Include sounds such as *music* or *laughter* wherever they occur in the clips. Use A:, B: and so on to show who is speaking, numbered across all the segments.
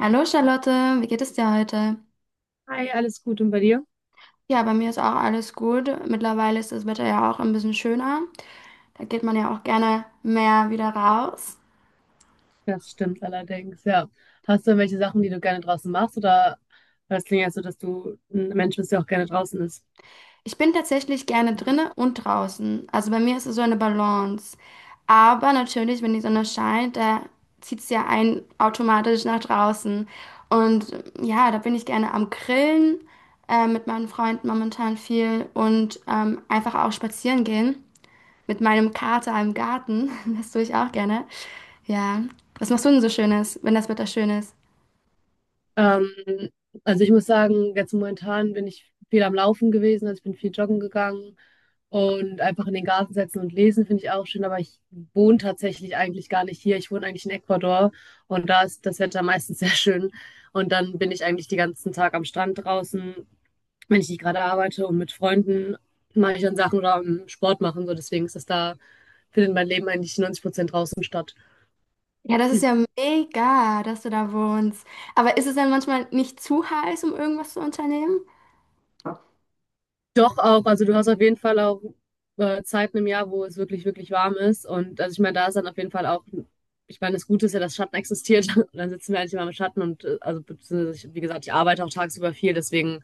A: Hallo Charlotte, wie geht es dir heute?
B: Hi, alles gut und bei dir?
A: Ja, bei mir ist auch alles gut. Mittlerweile ist das Wetter ja auch ein bisschen schöner. Da geht man ja auch gerne mehr wieder raus.
B: Das stimmt allerdings, ja. Hast du irgendwelche Sachen, die du gerne draußen machst, oder, weil es klingt ja so, dass du ein Mensch bist, der auch gerne draußen ist?
A: Ich bin tatsächlich gerne drinnen und draußen. Also bei mir ist es so eine Balance. Aber natürlich, wenn die Sonne scheint, da zieht es ja einen automatisch nach draußen. Und ja, da bin ich gerne am Grillen, mit meinen Freunden momentan viel und einfach auch spazieren gehen mit meinem Kater im Garten. *laughs* Das tue ich auch gerne. Ja. Was machst du denn so Schönes, wenn das Wetter schön ist?
B: Ähm, also ich muss sagen, jetzt momentan bin ich viel am Laufen gewesen, also ich bin viel joggen gegangen und einfach in den Garten setzen und lesen finde ich auch schön, aber ich wohne tatsächlich eigentlich gar nicht hier. Ich wohne eigentlich in Ecuador und da ist das Wetter meistens *laughs* sehr schön und dann bin ich eigentlich den ganzen Tag am Strand draußen, wenn ich nicht gerade arbeite, und mit Freunden mache ich dann Sachen oder Sport machen. So, deswegen ist das da, findet mein Leben eigentlich 90% draußen statt.
A: Ja, das ist ja mega, dass du da wohnst. Aber ist es dann manchmal nicht zu heiß, um irgendwas zu unternehmen?
B: Doch, auch, also du hast auf jeden Fall auch Zeiten im Jahr, wo es wirklich, wirklich warm ist. Und, also ich meine, da ist dann auf jeden Fall auch, ich meine, das Gute ist ja, dass Schatten existiert. *laughs* Und dann sitzen wir eigentlich immer im Schatten und also, beziehungsweise ich, wie gesagt, ich arbeite auch tagsüber viel, deswegen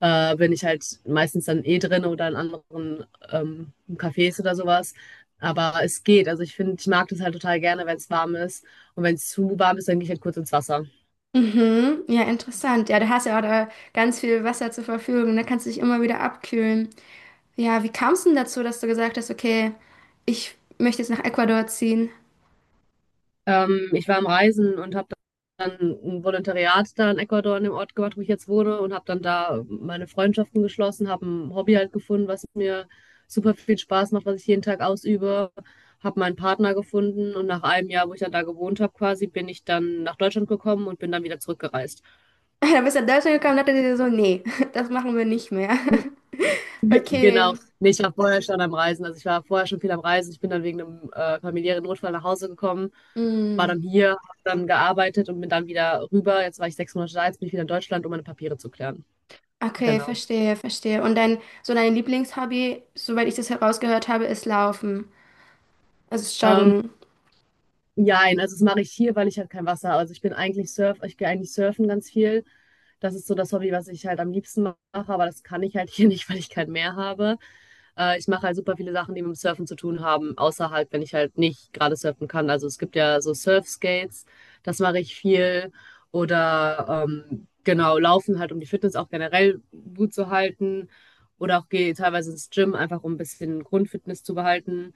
B: bin ich halt meistens dann eh drin oder in anderen Cafés oder sowas. Aber es geht. Also ich finde, ich mag das halt total gerne, wenn es warm ist. Und wenn es zu warm ist, dann gehe ich halt kurz ins Wasser.
A: Mhm, ja, interessant. Ja, du hast ja auch da ganz viel Wasser zur Verfügung. Da kannst du dich immer wieder abkühlen. Ja, wie kamst du denn dazu, dass du gesagt hast, okay, ich möchte jetzt nach Ecuador ziehen? *laughs*
B: Ich war am Reisen und habe dann ein Volontariat da in Ecuador in dem Ort gemacht, wo ich jetzt wohne, und habe dann da meine Freundschaften geschlossen, habe ein Hobby halt gefunden, was mir super viel Spaß macht, was ich jeden Tag ausübe, habe meinen Partner gefunden und nach einem Jahr, wo ich dann da gewohnt habe, quasi bin ich dann nach Deutschland gekommen und bin dann wieder zurückgereist.
A: Da bist du nach Deutschland gekommen und dachte dir so, nee, *laughs* das machen wir nicht mehr. *laughs*
B: Genau.
A: Okay.
B: Ne, ich war vorher schon am Reisen. Also, ich war vorher schon viel am Reisen. Ich bin dann wegen einem familiären Notfall nach Hause gekommen, war
A: Mm.
B: dann hier, habe dann gearbeitet und bin dann wieder rüber. Jetzt war ich 6 Monate da, jetzt bin ich wieder in Deutschland, um meine Papiere zu klären.
A: Okay,
B: Genau.
A: verstehe, verstehe. Und dein, so dein Lieblingshobby, soweit ich das herausgehört habe, ist Laufen, also
B: Ähm
A: Joggen.
B: Jein, also das mache ich hier, weil ich halt kein Wasser habe. Also, ich bin eigentlich Surf, ich gehe eigentlich surfen ganz viel. Das ist so das Hobby, was ich halt am liebsten mache, aber das kann ich halt *laughs* hier nicht, weil ich kein Meer habe. Ich mache halt super viele Sachen, die mit dem Surfen zu tun haben, außer halt, wenn ich halt nicht gerade surfen kann. Also, es gibt ja so Surfskates, das mache ich viel. Oder genau, laufen halt, um die Fitness auch generell gut zu halten. Oder auch gehe teilweise ins Gym, einfach um ein bisschen Grundfitness zu behalten.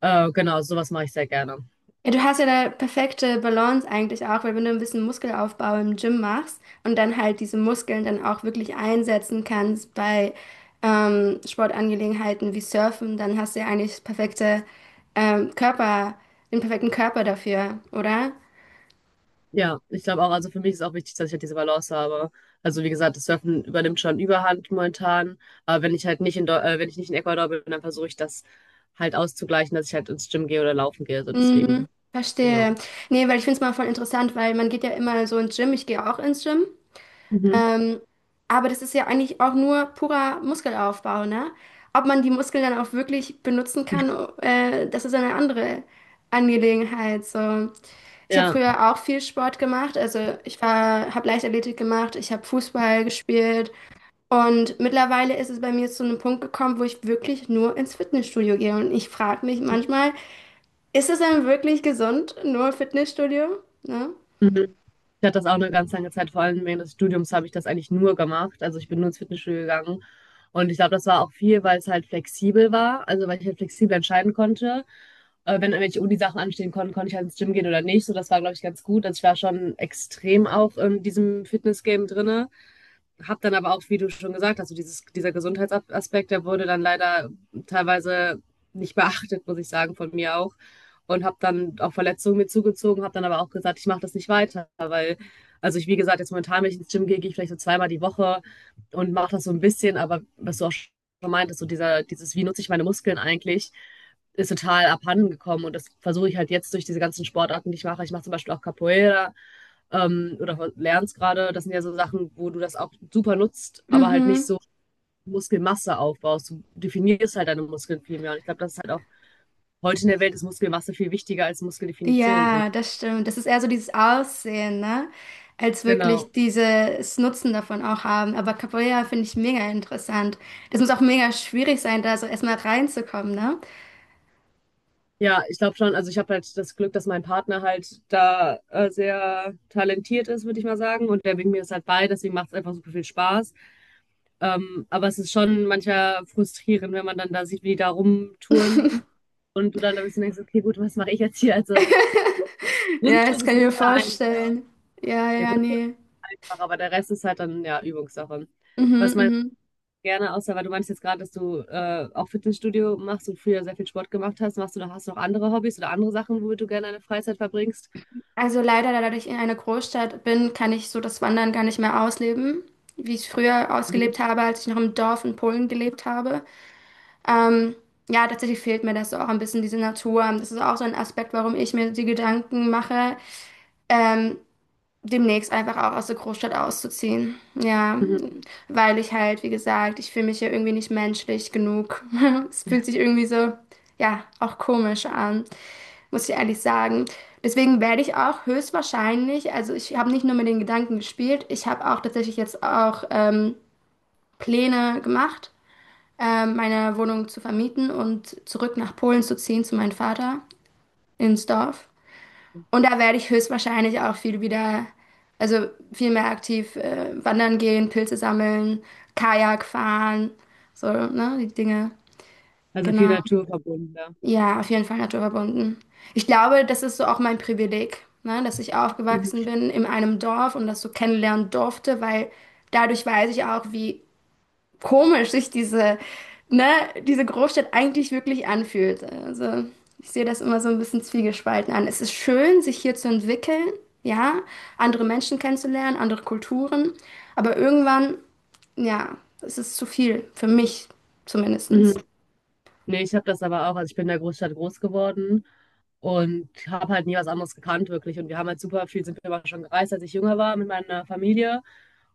B: Genau, sowas mache ich sehr gerne.
A: Ja, du hast ja eine perfekte Balance eigentlich auch, weil wenn du ein bisschen Muskelaufbau im Gym machst und dann halt diese Muskeln dann auch wirklich einsetzen kannst bei Sportangelegenheiten wie Surfen, dann hast du ja eigentlich das perfekte Körper, den perfekten Körper dafür, oder?
B: Ja, ich glaube auch, also für mich ist auch wichtig, dass ich halt diese Balance habe. Also, wie gesagt, das Surfen übernimmt schon Überhand momentan, aber wenn ich nicht in Ecuador bin, dann versuche ich das halt auszugleichen, dass ich halt ins Gym gehe oder laufen gehe, so,
A: Mhm,
B: deswegen,
A: verstehe.
B: genau.
A: Nee, weil ich finde es mal voll interessant, weil man geht ja immer so ins Gym, ich gehe auch ins Gym.
B: Mhm.
A: Ähm, aber das ist ja eigentlich auch nur purer Muskelaufbau, ne? Ob man die Muskeln dann auch wirklich benutzen kann, das ist eine andere Angelegenheit. So. Ich habe
B: Ja.
A: früher auch viel Sport gemacht. Also ich war, habe Leichtathletik gemacht, ich habe Fußball gespielt. Und mittlerweile ist es bei mir zu einem Punkt gekommen, wo ich wirklich nur ins Fitnessstudio gehe. Und ich frage mich manchmal, ist es dann wirklich gesund, nur Fitnessstudio? Ne?
B: Mhm. Ich hatte das auch 'ne ganz lange Zeit, vor allem während des Studiums habe ich das eigentlich nur gemacht. Also, ich bin nur ins Fitnessstudio gegangen und ich glaube, das war auch viel, weil es halt flexibel war, also, weil ich halt flexibel entscheiden konnte. Wenn irgendwelche Unisachen anstehen konnten, konnte ich halt ins Gym gehen oder nicht, so, das war, glaube ich, ganz gut. Also, ich war schon extrem auch in diesem Fitness-Game drinne, habe dann aber auch, wie du schon gesagt hast, so dieses, dieser Gesundheitsaspekt, der wurde dann leider teilweise nicht beachtet, muss ich sagen, von mir auch. Und habe dann auch Verletzungen mir zugezogen, habe dann aber auch gesagt, ich mache das nicht weiter, weil, also ich, wie gesagt, jetzt momentan, wenn ich ins Gym gehe, gehe ich vielleicht so zweimal die Woche und mache das so ein bisschen, aber was du auch schon meintest, so dieser, dieses, wie nutze ich meine Muskeln eigentlich, ist total abhanden gekommen, und das versuche ich halt jetzt durch diese ganzen Sportarten, die ich mache. Ich mache zum Beispiel auch Capoeira, oder lernst gerade, das sind ja so Sachen, wo du das auch super nutzt, aber halt nicht
A: Mhm.
B: so Muskelmasse aufbaust. Du definierst halt deine Muskeln viel mehr. Und ich glaube, das ist halt auch, heute in der Welt ist Muskelmasse viel wichtiger als Muskeldefinition. Und
A: Ja, das stimmt. Das ist eher so dieses Aussehen, ne? Als
B: genau.
A: wirklich dieses Nutzen davon auch haben. Aber Capoeira finde ich mega interessant. Das muss auch mega schwierig sein, da so erstmal reinzukommen, ne?
B: Ja, ich glaube schon, also ich habe halt das Glück, dass mein Partner halt da sehr talentiert ist, würde ich mal sagen. Und der bringt mir das halt bei, deswegen macht es einfach super viel Spaß. Aber es ist schon manchmal frustrierend, wenn man dann da sieht, wie die da rumtouren
A: *laughs*
B: und du dann ein bisschen denkst, okay, gut, was mache ich jetzt hier? Also,
A: Ja,
B: Grundstück
A: das
B: ist
A: kann ich mir
B: mega ein.
A: vorstellen. Ja,
B: Der
A: ja,
B: Grundstück ist
A: nee.
B: einfach, aber der Rest ist halt dann ja Übungssache. Was
A: Mhm,
B: meinst
A: mhm.
B: du gerne, außer, weil du meinst jetzt gerade, dass du auch Fitnessstudio machst und früher sehr viel Sport gemacht hast, machst du noch, hast du noch andere Hobbys oder andere Sachen, womit du gerne deine Freizeit verbringst?
A: Also leider, da ich in einer Großstadt bin, kann ich so das Wandern gar nicht mehr ausleben, wie ich es früher ausgelebt
B: Mhm.
A: habe, als ich noch im Dorf in Polen gelebt habe. Ähm, ja, tatsächlich fehlt mir das so auch ein bisschen diese Natur. Das ist auch so ein Aspekt, warum ich mir die Gedanken mache, ähm, demnächst einfach auch aus der Großstadt auszuziehen. Ja,
B: Mhm.
A: weil ich halt, wie gesagt, ich fühle mich ja irgendwie nicht menschlich genug. *laughs* Es fühlt sich irgendwie so, ja, auch komisch an, muss ich ehrlich sagen. Deswegen werde ich auch höchstwahrscheinlich, also ich habe nicht nur mit den Gedanken gespielt, ich habe auch tatsächlich jetzt auch Pläne gemacht, meine Wohnung zu vermieten und zurück nach Polen zu ziehen zu meinem Vater ins Dorf. Und da werde ich höchstwahrscheinlich auch viel wieder, also viel mehr aktiv wandern gehen, Pilze sammeln, Kajak fahren, so, ne, die Dinge.
B: Also, viel
A: Genau.
B: Natur verbunden, ja.
A: Ja, auf jeden Fall naturverbunden. Ich glaube, das ist so auch mein Privileg, ne, dass ich aufgewachsen
B: Mhm.
A: bin in einem Dorf und das so kennenlernen durfte, weil dadurch weiß ich auch, wie komisch sich diese, ne, diese Großstadt eigentlich wirklich anfühlt. Also ich sehe das immer so ein bisschen zwiegespalten an. Es ist schön, sich hier zu entwickeln, ja, andere Menschen kennenzulernen, andere Kulturen, aber irgendwann, ja, es ist zu viel, für mich
B: Mhm.
A: zumindestens.
B: Nee, ich habe das aber auch. Also, ich bin in der Großstadt groß geworden und habe halt nie was anderes gekannt, wirklich. Und wir haben halt super viel, sind wir aber schon gereist, als ich jünger war, mit meiner Familie.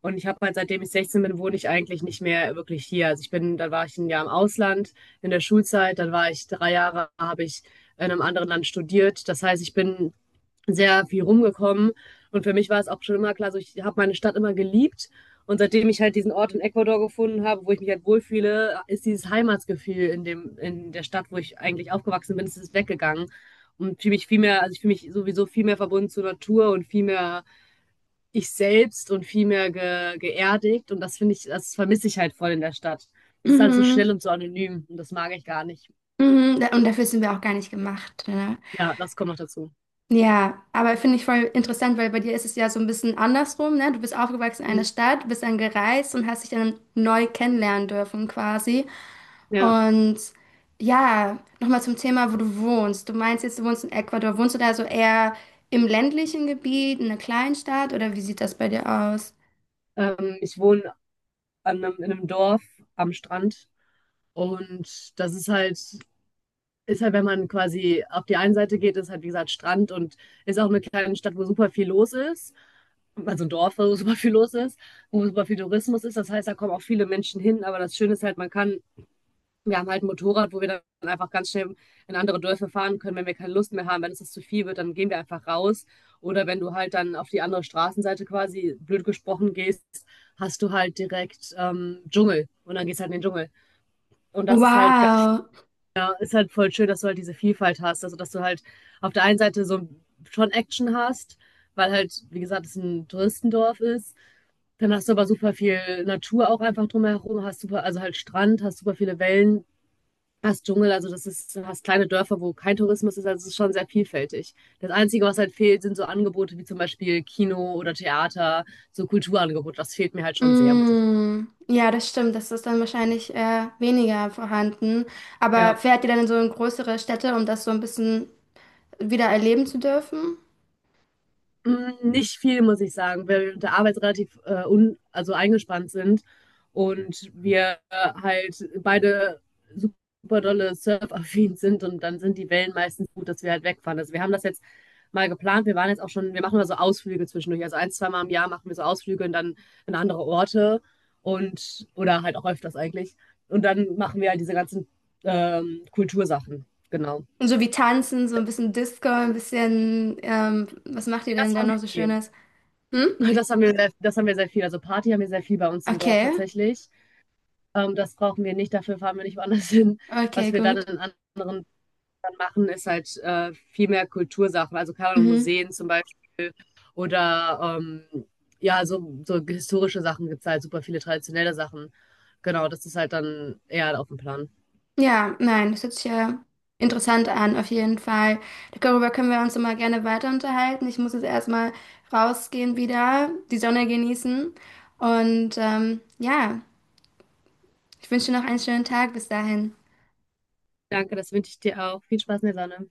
B: Und ich habe halt, seitdem ich 16 bin, wohne ich eigentlich nicht mehr wirklich hier. Also, ich bin, dann war ich ein Jahr im Ausland in der Schulzeit, dann war ich 3 Jahre, habe ich in einem anderen Land studiert. Das heißt, ich bin sehr viel rumgekommen. Und für mich war es auch schon immer klar, so, ich habe meine Stadt immer geliebt. Und seitdem ich halt diesen Ort in Ecuador gefunden habe, wo ich mich halt wohlfühle, ist dieses Heimatsgefühl in dem, in der Stadt, wo ich eigentlich aufgewachsen bin, ist es weggegangen. Und fühle mich viel mehr, also ich fühle mich sowieso viel mehr verbunden zur Natur und viel mehr ich selbst und viel mehr geerdigt. Und das finde ich, das vermisse ich halt voll in der Stadt. Das ist alles so
A: Mhm.
B: schnell und so anonym und das mag ich gar nicht.
A: Mhm. Da- Und dafür sind wir auch gar nicht gemacht. Ne?
B: Ja, das kommt noch dazu.
A: Ja, aber finde ich voll interessant, weil bei dir ist es ja so ein bisschen andersrum, ne? Du bist aufgewachsen in einer Stadt, bist dann gereist und hast dich dann neu kennenlernen dürfen quasi.
B: Ja,
A: Und ja, nochmal zum Thema, wo du wohnst. Du meinst jetzt, du wohnst in Ecuador. Wohnst du da so eher im ländlichen Gebiet, in einer Kleinstadt oder wie sieht das bei dir aus?
B: ich wohne an in einem Dorf am Strand. Und das ist halt, wenn man quasi auf die eine Seite geht, ist halt, wie gesagt, Strand und ist auch eine kleine Stadt, wo super viel los ist. Also, ein Dorf, wo super viel los ist, wo super viel Tourismus ist. Das heißt, da kommen auch viele Menschen hin. Aber das Schöne ist halt, man kann, wir haben halt ein Motorrad, wo wir dann einfach ganz schnell in andere Dörfer fahren können, wenn wir keine Lust mehr haben. Wenn es das zu viel wird, dann gehen wir einfach raus. Oder wenn du halt dann auf die andere Straßenseite, quasi blöd gesprochen, gehst, hast du halt direkt Dschungel und dann gehst halt in den Dschungel. Und das ist halt, gar-
A: Wow.
B: ist halt voll schön, dass du halt diese Vielfalt hast. Also, dass du halt auf der einen Seite so schon Action hast, weil halt, wie gesagt, es ein Touristendorf ist. Dann hast du aber super viel Natur auch einfach drumherum, hast super, also halt Strand, hast super viele Wellen, fast Dschungel, also das ist, du hast kleine Dörfer, wo kein Tourismus ist, also es ist schon sehr vielfältig. Das Einzige, was halt fehlt, sind so Angebote wie zum Beispiel Kino oder Theater, so Kulturangebote. Das fehlt mir halt schon sehr, muss ich sagen.
A: Mm. Ja, das stimmt. Das ist dann wahrscheinlich weniger vorhanden.
B: Ja.
A: Aber fährt ihr dann in so in größere Städte, um das so ein bisschen wieder erleben zu dürfen?
B: Mm, nicht viel, muss ich sagen, weil wir mit der Arbeit relativ un also eingespannt sind und wir halt beide super dolle surfaffin sind und dann sind die Wellen meistens gut, dass wir halt wegfahren. Also, wir haben das jetzt mal geplant. Wir waren jetzt auch schon, wir machen mal so Ausflüge zwischendurch. Also, ein, zwei Mal im Jahr machen wir so Ausflüge und dann in andere Orte und, oder halt auch öfters eigentlich. Und dann machen wir halt diese ganzen Kultursachen. Genau.
A: Und so wie tanzen, so ein bisschen Disco, ein bisschen, was macht ihr
B: Das
A: denn da
B: haben
A: noch so
B: wir viel.
A: Schönes? Hm?
B: *laughs* Das haben wir sehr viel. Also, Party haben wir sehr viel bei uns im Dorf
A: Okay.
B: tatsächlich. Das brauchen wir nicht, dafür fahren wir nicht woanders *laughs* hin.
A: Okay,
B: Was wir dann
A: gut.
B: in anderen dann machen, ist halt viel mehr Kultursachen, also keine Ahnung,
A: Mhm.
B: Museen zum Beispiel oder ja, so historische Sachen gibt es halt, super viele traditionelle Sachen. Genau, das ist halt dann eher auf dem Plan.
A: Ja, nein, das hört sich ja interessant an, auf jeden Fall. Darüber können wir uns immer gerne weiter unterhalten. Ich muss jetzt erstmal rausgehen wieder, die Sonne genießen. Und ja, ich wünsche dir noch einen schönen Tag bis dahin.
B: Danke, das wünsche ich dir auch. Viel Spaß in der Sonne.